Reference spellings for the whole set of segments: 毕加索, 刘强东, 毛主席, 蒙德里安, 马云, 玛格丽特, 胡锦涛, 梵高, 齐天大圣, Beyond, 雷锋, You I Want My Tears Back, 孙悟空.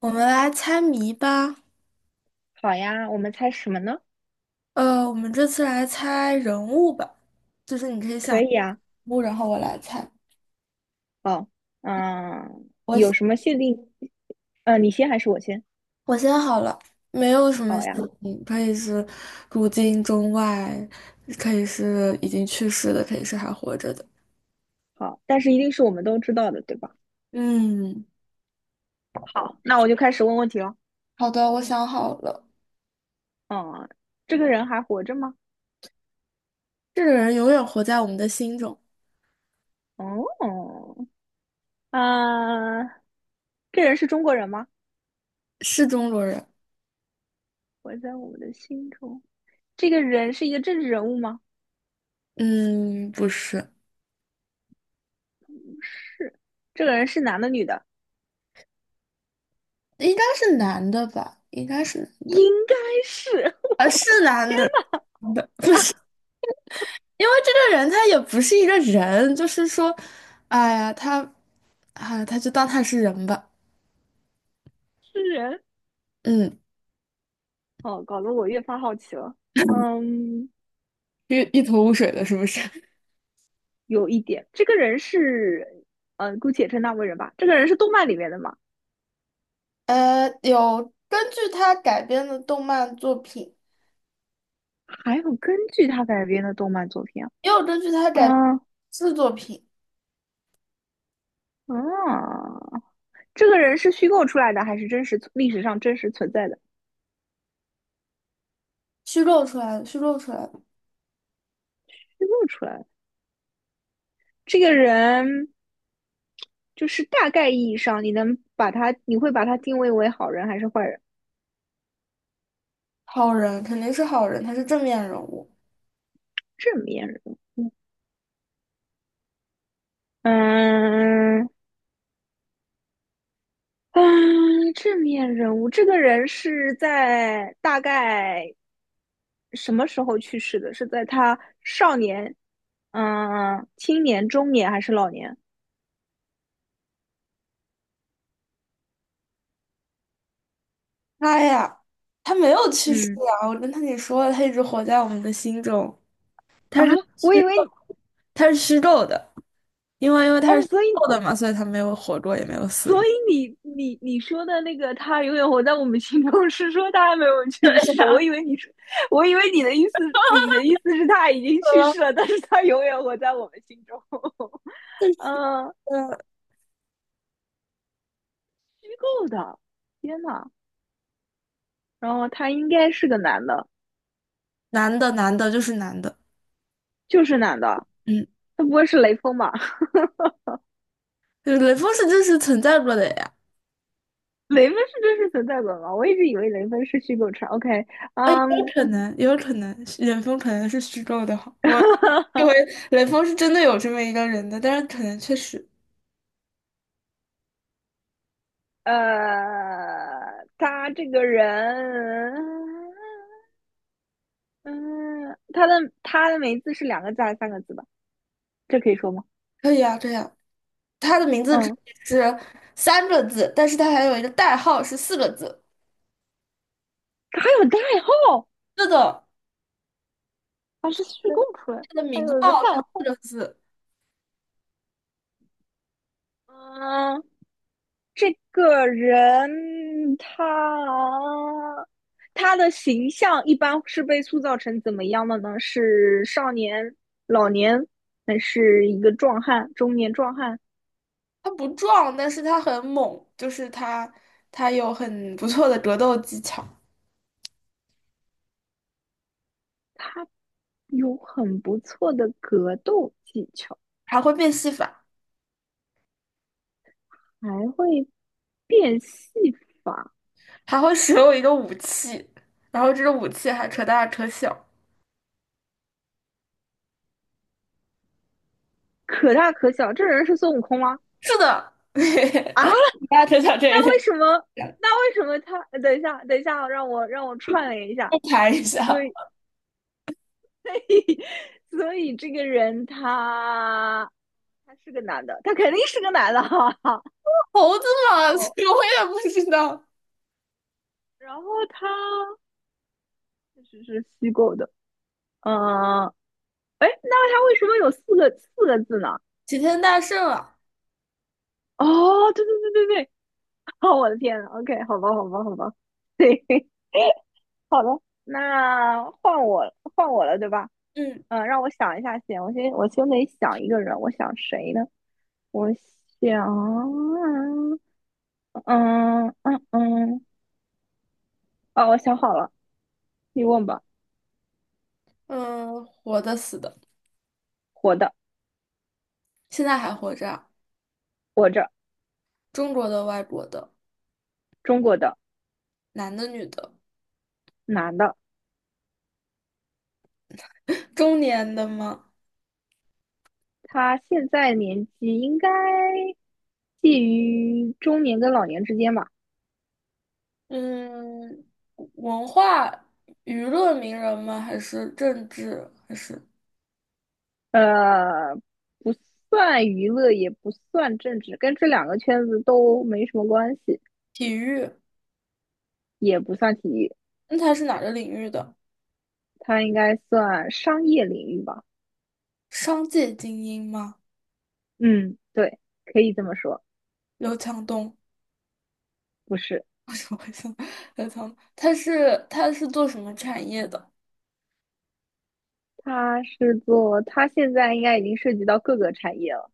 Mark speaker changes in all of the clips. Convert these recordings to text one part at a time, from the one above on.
Speaker 1: 我们来猜谜吧。
Speaker 2: 好呀，我们猜什么呢？
Speaker 1: 我们这次来猜人物吧，就是你可以想
Speaker 2: 可
Speaker 1: 人
Speaker 2: 以啊。
Speaker 1: 物，然后我来猜。
Speaker 2: 好，
Speaker 1: 我
Speaker 2: 有
Speaker 1: 先
Speaker 2: 什么限定？嗯，你先还是我先？
Speaker 1: 我先好了，没有什么
Speaker 2: 好
Speaker 1: 姓
Speaker 2: 呀，
Speaker 1: 情，可以是古今中外，可以是已经去世的，可以是还活着的。
Speaker 2: 好，但是一定是我们都知道的，对吧？
Speaker 1: 嗯，
Speaker 2: 好，那我就开始问问题了。
Speaker 1: 好的，我想好了。
Speaker 2: 嗯，这个人还活着吗？
Speaker 1: 这个人永远活在我们的心中，
Speaker 2: 哦，啊，这人是中国人吗？
Speaker 1: 是中国人。
Speaker 2: 活在我们的心中。这个人是一个政治人物吗？
Speaker 1: 嗯，不是，
Speaker 2: 这个人是男的女的？
Speaker 1: 应该是男的吧？应该是男
Speaker 2: 应
Speaker 1: 的。
Speaker 2: 该是，
Speaker 1: 啊，是男的，不是。因为这个人他也不是一个人，就是说，哎呀，他，啊，他就当他是人吧，
Speaker 2: 是人。
Speaker 1: 嗯，
Speaker 2: 哦，搞得我越发好奇了。嗯，
Speaker 1: 一头雾水的，是不是？
Speaker 2: 有一点，这个人是，姑且称他为人吧。这个人是动漫里面的嘛？
Speaker 1: 有根据他改编的动漫作品，
Speaker 2: 还有根据他改编的动漫作品
Speaker 1: 也有根据他改
Speaker 2: 啊？
Speaker 1: 编的作品
Speaker 2: 嗯、啊，这个人是虚构出来的还是真实历史上真实存在的？
Speaker 1: 虚构出来的，虚构出来的
Speaker 2: 虚构出来的。这个人就是大概意义上，你能把他，你会把他定位为好人还是坏人？
Speaker 1: 好人肯定是好人，他是正面人物。
Speaker 2: 正面人物，嗯嗯，正面人物。这个人是在大概什么时候去世的？是在他少年、青年、中年还是老年？
Speaker 1: 他呀，他没有去世
Speaker 2: 嗯
Speaker 1: 啊，我跟他你说了，他一直活在我们的心中，
Speaker 2: 啊，
Speaker 1: 他是
Speaker 2: 我
Speaker 1: 虚
Speaker 2: 以
Speaker 1: 构，
Speaker 2: 为
Speaker 1: 他是虚构的。因为他是
Speaker 2: 哦，所以
Speaker 1: 瘦的嘛，所以他没有活过，也没有死
Speaker 2: 所
Speaker 1: 过。
Speaker 2: 以你说的那个他永远活在我们心中，是说他还没有 去
Speaker 1: 对
Speaker 2: 世。
Speaker 1: 呀，
Speaker 2: 我以为你说，我以为你的意思，你的意思是他已经去
Speaker 1: 说
Speaker 2: 世了，但是他永远活在我们心中。嗯，
Speaker 1: 呃，
Speaker 2: 虚构的，天呐，然后他应该是个男的，
Speaker 1: 男的，男的就是男的，
Speaker 2: 就是男的，
Speaker 1: 嗯，
Speaker 2: 他不会是雷锋吧？
Speaker 1: 对雷锋是真实存在过的呀。
Speaker 2: 雷锋是真实存在的吗？我一直以为雷锋是虚构出来 OK，
Speaker 1: 啊，也有
Speaker 2: 嗯，
Speaker 1: 可能，也有可能，是雷锋可能是虚构的哈。我雷锋是真的有这么一个人的，但是可能确实
Speaker 2: 他这个人，嗯，他的名字是两个字还是三个字吧？这可以说吗？
Speaker 1: 可以啊，这样。他的名字只
Speaker 2: 嗯，
Speaker 1: 是3个字，但是他还有一个代号是四个字。
Speaker 2: 他还有代号，
Speaker 1: 是的，
Speaker 2: 他是虚构出来的，
Speaker 1: 他的
Speaker 2: 还
Speaker 1: 名
Speaker 2: 有一个
Speaker 1: 号
Speaker 2: 代
Speaker 1: 是四
Speaker 2: 号。
Speaker 1: 个字。
Speaker 2: 嗯，这个人他的形象一般是被塑造成怎么样的呢？是少年、老年，还是一个壮汉、中年壮汉？
Speaker 1: 他不壮，但是他很猛，就是他有很不错的格斗技巧。
Speaker 2: 他有很不错的格斗技巧，
Speaker 1: 还会变戏法，
Speaker 2: 还会变戏法，
Speaker 1: 还会使用一个武器，然后这个武器还扯大扯小。
Speaker 2: 可大可小。这人是孙悟空吗？
Speaker 1: 是的，
Speaker 2: 啊，
Speaker 1: 大家扯小这也有
Speaker 2: 那为
Speaker 1: 点
Speaker 2: 什么？
Speaker 1: 像
Speaker 2: 那为什么他？等一下，等一下，让我串联一下。
Speaker 1: 复盘一下。
Speaker 2: 对，所以这个人他是个男的，他肯定是个男的哈。
Speaker 1: 猴子嘛，所以我也不知道。
Speaker 2: 然后他确实是虚构的，嗯、呃，哎，那他为什么有四个字呢？
Speaker 1: 齐天大圣啊，
Speaker 2: 哦，对对对对对，哦，我的天呐，OK，好吧，好吧，好吧，对，那换我了，对吧？
Speaker 1: 嗯
Speaker 2: 嗯，让我想一下先，我先得想一个人，我想谁呢？我想，嗯嗯嗯，哦，我想好了，你问吧。
Speaker 1: 嗯，活的死的，
Speaker 2: 活的，
Speaker 1: 现在还活着啊，
Speaker 2: 活着，
Speaker 1: 中国的、外国的，
Speaker 2: 中国的
Speaker 1: 男的、女的，
Speaker 2: 男的，
Speaker 1: 中年的吗？
Speaker 2: 他现在年纪应该介于中年跟老年之间吧，
Speaker 1: 嗯，文化娱乐名人吗？还是政治？还是
Speaker 2: 呃，不算娱乐，也不算政治，跟这两个圈子都没什么关系，
Speaker 1: 体育？
Speaker 2: 也不算体育，
Speaker 1: 那他是哪个领域的？
Speaker 2: 他应该算商业领域吧。
Speaker 1: 商界精英吗？
Speaker 2: 嗯，对，可以这么说，
Speaker 1: 刘强东，
Speaker 2: 不是，
Speaker 1: 为什么会想刘强东？他是做什么产业的？
Speaker 2: 他是做，他现在应该已经涉及到各个产业了，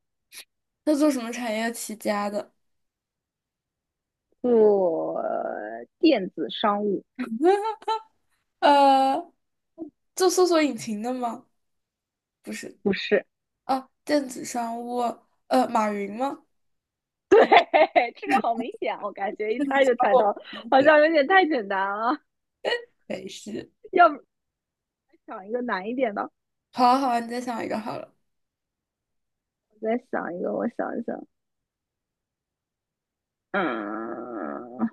Speaker 1: 他做什么产业起家的？
Speaker 2: 做电子商务，
Speaker 1: 呃，做搜索引擎的吗？不是
Speaker 2: 不是。
Speaker 1: 啊，电子商务，马云吗？
Speaker 2: 对，这个好明显，我感 觉一
Speaker 1: 电子
Speaker 2: 猜就
Speaker 1: 商
Speaker 2: 猜
Speaker 1: 务，
Speaker 2: 到了，好像有点太简单了。
Speaker 1: 北西。
Speaker 2: 要不想一个难一点的？
Speaker 1: 好啊，好啊，你再想一个好了。
Speaker 2: 我再想一个，我想一想，嗯，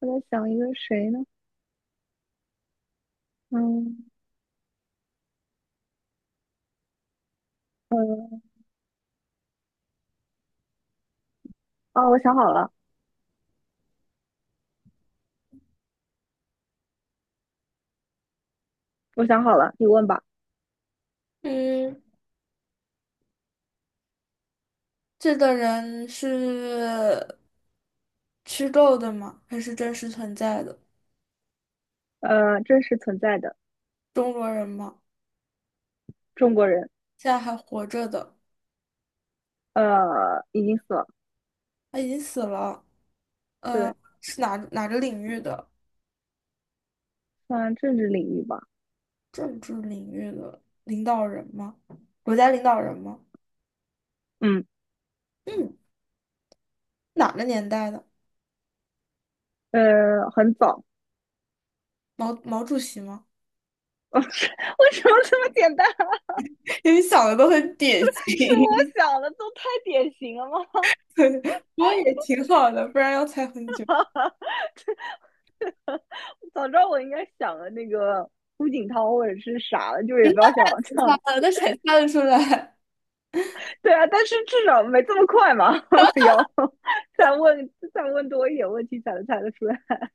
Speaker 2: 我在想一个谁呢？嗯嗯，哦，我想好了，我想好了，你问吧。
Speaker 1: 嗯，这个人是虚构的吗？还是真实存在的？
Speaker 2: 呃，真实存在的
Speaker 1: 中国人吗？
Speaker 2: 中国人，
Speaker 1: 现在还活着的？
Speaker 2: 已经死了。
Speaker 1: 他已经死了。
Speaker 2: 对，
Speaker 1: 是哪个领域的？
Speaker 2: 算政治领域吧。
Speaker 1: 政治领域的领导人吗？国家领导人吗？
Speaker 2: 嗯，
Speaker 1: 嗯，哪个年代的？
Speaker 2: 很早。
Speaker 1: 毛主席吗？
Speaker 2: 为什么这么简单？
Speaker 1: 因为想的都很
Speaker 2: 是
Speaker 1: 典
Speaker 2: 是我
Speaker 1: 型，
Speaker 2: 想的，都太典型了吗？
Speaker 1: 对，不过也挺好的，不然要猜很久。
Speaker 2: 早知道我应该想了那个胡锦涛或者是啥了，就也不要想这样。
Speaker 1: 猜了，那谁猜得出来？
Speaker 2: 对啊，但是至少没这么快嘛，要再问多一点问题才能猜得出来。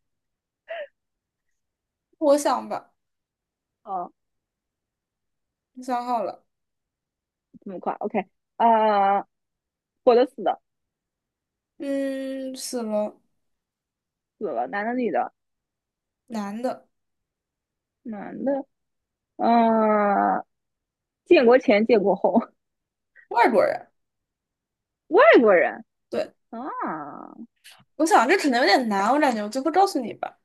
Speaker 1: 我想吧，
Speaker 2: 哦，
Speaker 1: 我想好了，
Speaker 2: 这么快，OK 啊、呃活的死的，
Speaker 1: 嗯，死了，
Speaker 2: 死了，男的女的，
Speaker 1: 男的，
Speaker 2: 男的，嗯、呃建国前建国后，
Speaker 1: 外国人。
Speaker 2: 外国人
Speaker 1: 对，
Speaker 2: 啊，
Speaker 1: 我想这可能有点难，我感觉我最后告诉你吧。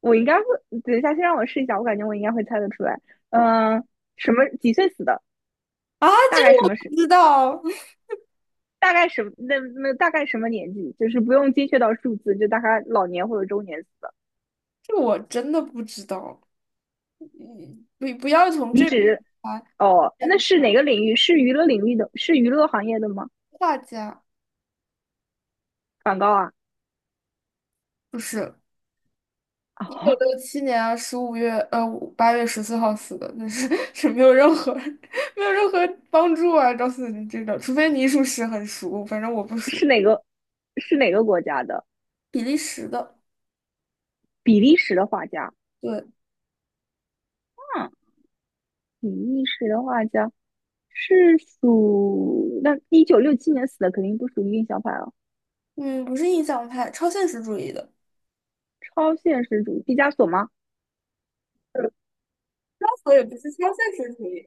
Speaker 2: 我应该会，等一下先让我试一下，我感觉我应该会猜得出来。
Speaker 1: 好吧
Speaker 2: 嗯、呃什么几岁死的？
Speaker 1: 啊，
Speaker 2: 大
Speaker 1: 这
Speaker 2: 概
Speaker 1: 个
Speaker 2: 什
Speaker 1: 我
Speaker 2: 么时
Speaker 1: 不知道，
Speaker 2: 大概什么那那大概什么年纪？就是不用精确到数字，就大概老年或者中年死的。
Speaker 1: 这个我真的不知道。嗯，不要从
Speaker 2: 你
Speaker 1: 这边
Speaker 2: 指
Speaker 1: 来
Speaker 2: 哦，那
Speaker 1: 嗯，
Speaker 2: 是哪个领域？是娱乐领域的？是娱乐行业的吗？
Speaker 1: 画家，
Speaker 2: 梵高啊？
Speaker 1: 不是一九
Speaker 2: 啊，
Speaker 1: 六七年啊15月8月14号死的，那是 是没有任何 没有任何帮助啊，告诉你这个，除非你属实很熟，反正我不熟。
Speaker 2: 是哪个？是哪个国家的？
Speaker 1: 比利时的，
Speaker 2: 比利时的画家。
Speaker 1: 对，
Speaker 2: 嗯，比利时的画家是属那1967年死的，肯定不属于印象派了。
Speaker 1: 嗯，不是印象派，超现实主义的，
Speaker 2: 超现实主义，毕加索吗？
Speaker 1: 我也不是超现实主义。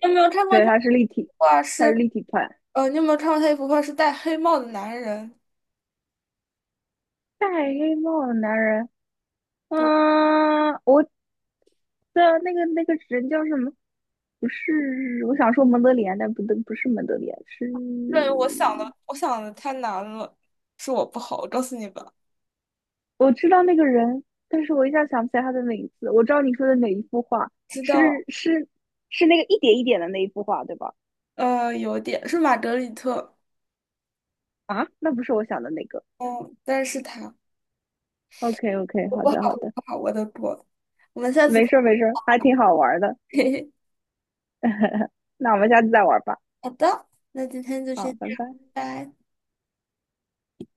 Speaker 1: 你有没有看过
Speaker 2: 对，
Speaker 1: 他
Speaker 2: 他是
Speaker 1: 一
Speaker 2: 立体，
Speaker 1: 幅画
Speaker 2: 他是
Speaker 1: 是
Speaker 2: 立体派。
Speaker 1: 你有没有看过他一幅画是戴黑帽的男人？
Speaker 2: 戴黑帽的男人。嗯，我对啊，那个那个人叫什么？不是，我想说蒙德里安，但不对，不是蒙德里安，是
Speaker 1: 对，我想的，我想的太难了，是我不好，我告诉你吧。
Speaker 2: 我知道那个人，但是我一下想不起来他的名字。我知道你说的哪一幅画，
Speaker 1: 知道，
Speaker 2: 是是是那个一点一点的那一幅画，对吧？
Speaker 1: 有点是玛格丽特，
Speaker 2: 啊，那不是我想的那个。
Speaker 1: 嗯，但是它
Speaker 2: OK OK，
Speaker 1: 我
Speaker 2: 好
Speaker 1: 不
Speaker 2: 的好的，
Speaker 1: 好我的锅，我们下次
Speaker 2: 没
Speaker 1: 再
Speaker 2: 事儿没事儿，还挺好玩儿的。那我们下次再玩儿吧。
Speaker 1: 好的，那今天就先
Speaker 2: 好，拜
Speaker 1: 这样，
Speaker 2: 拜。
Speaker 1: 拜拜。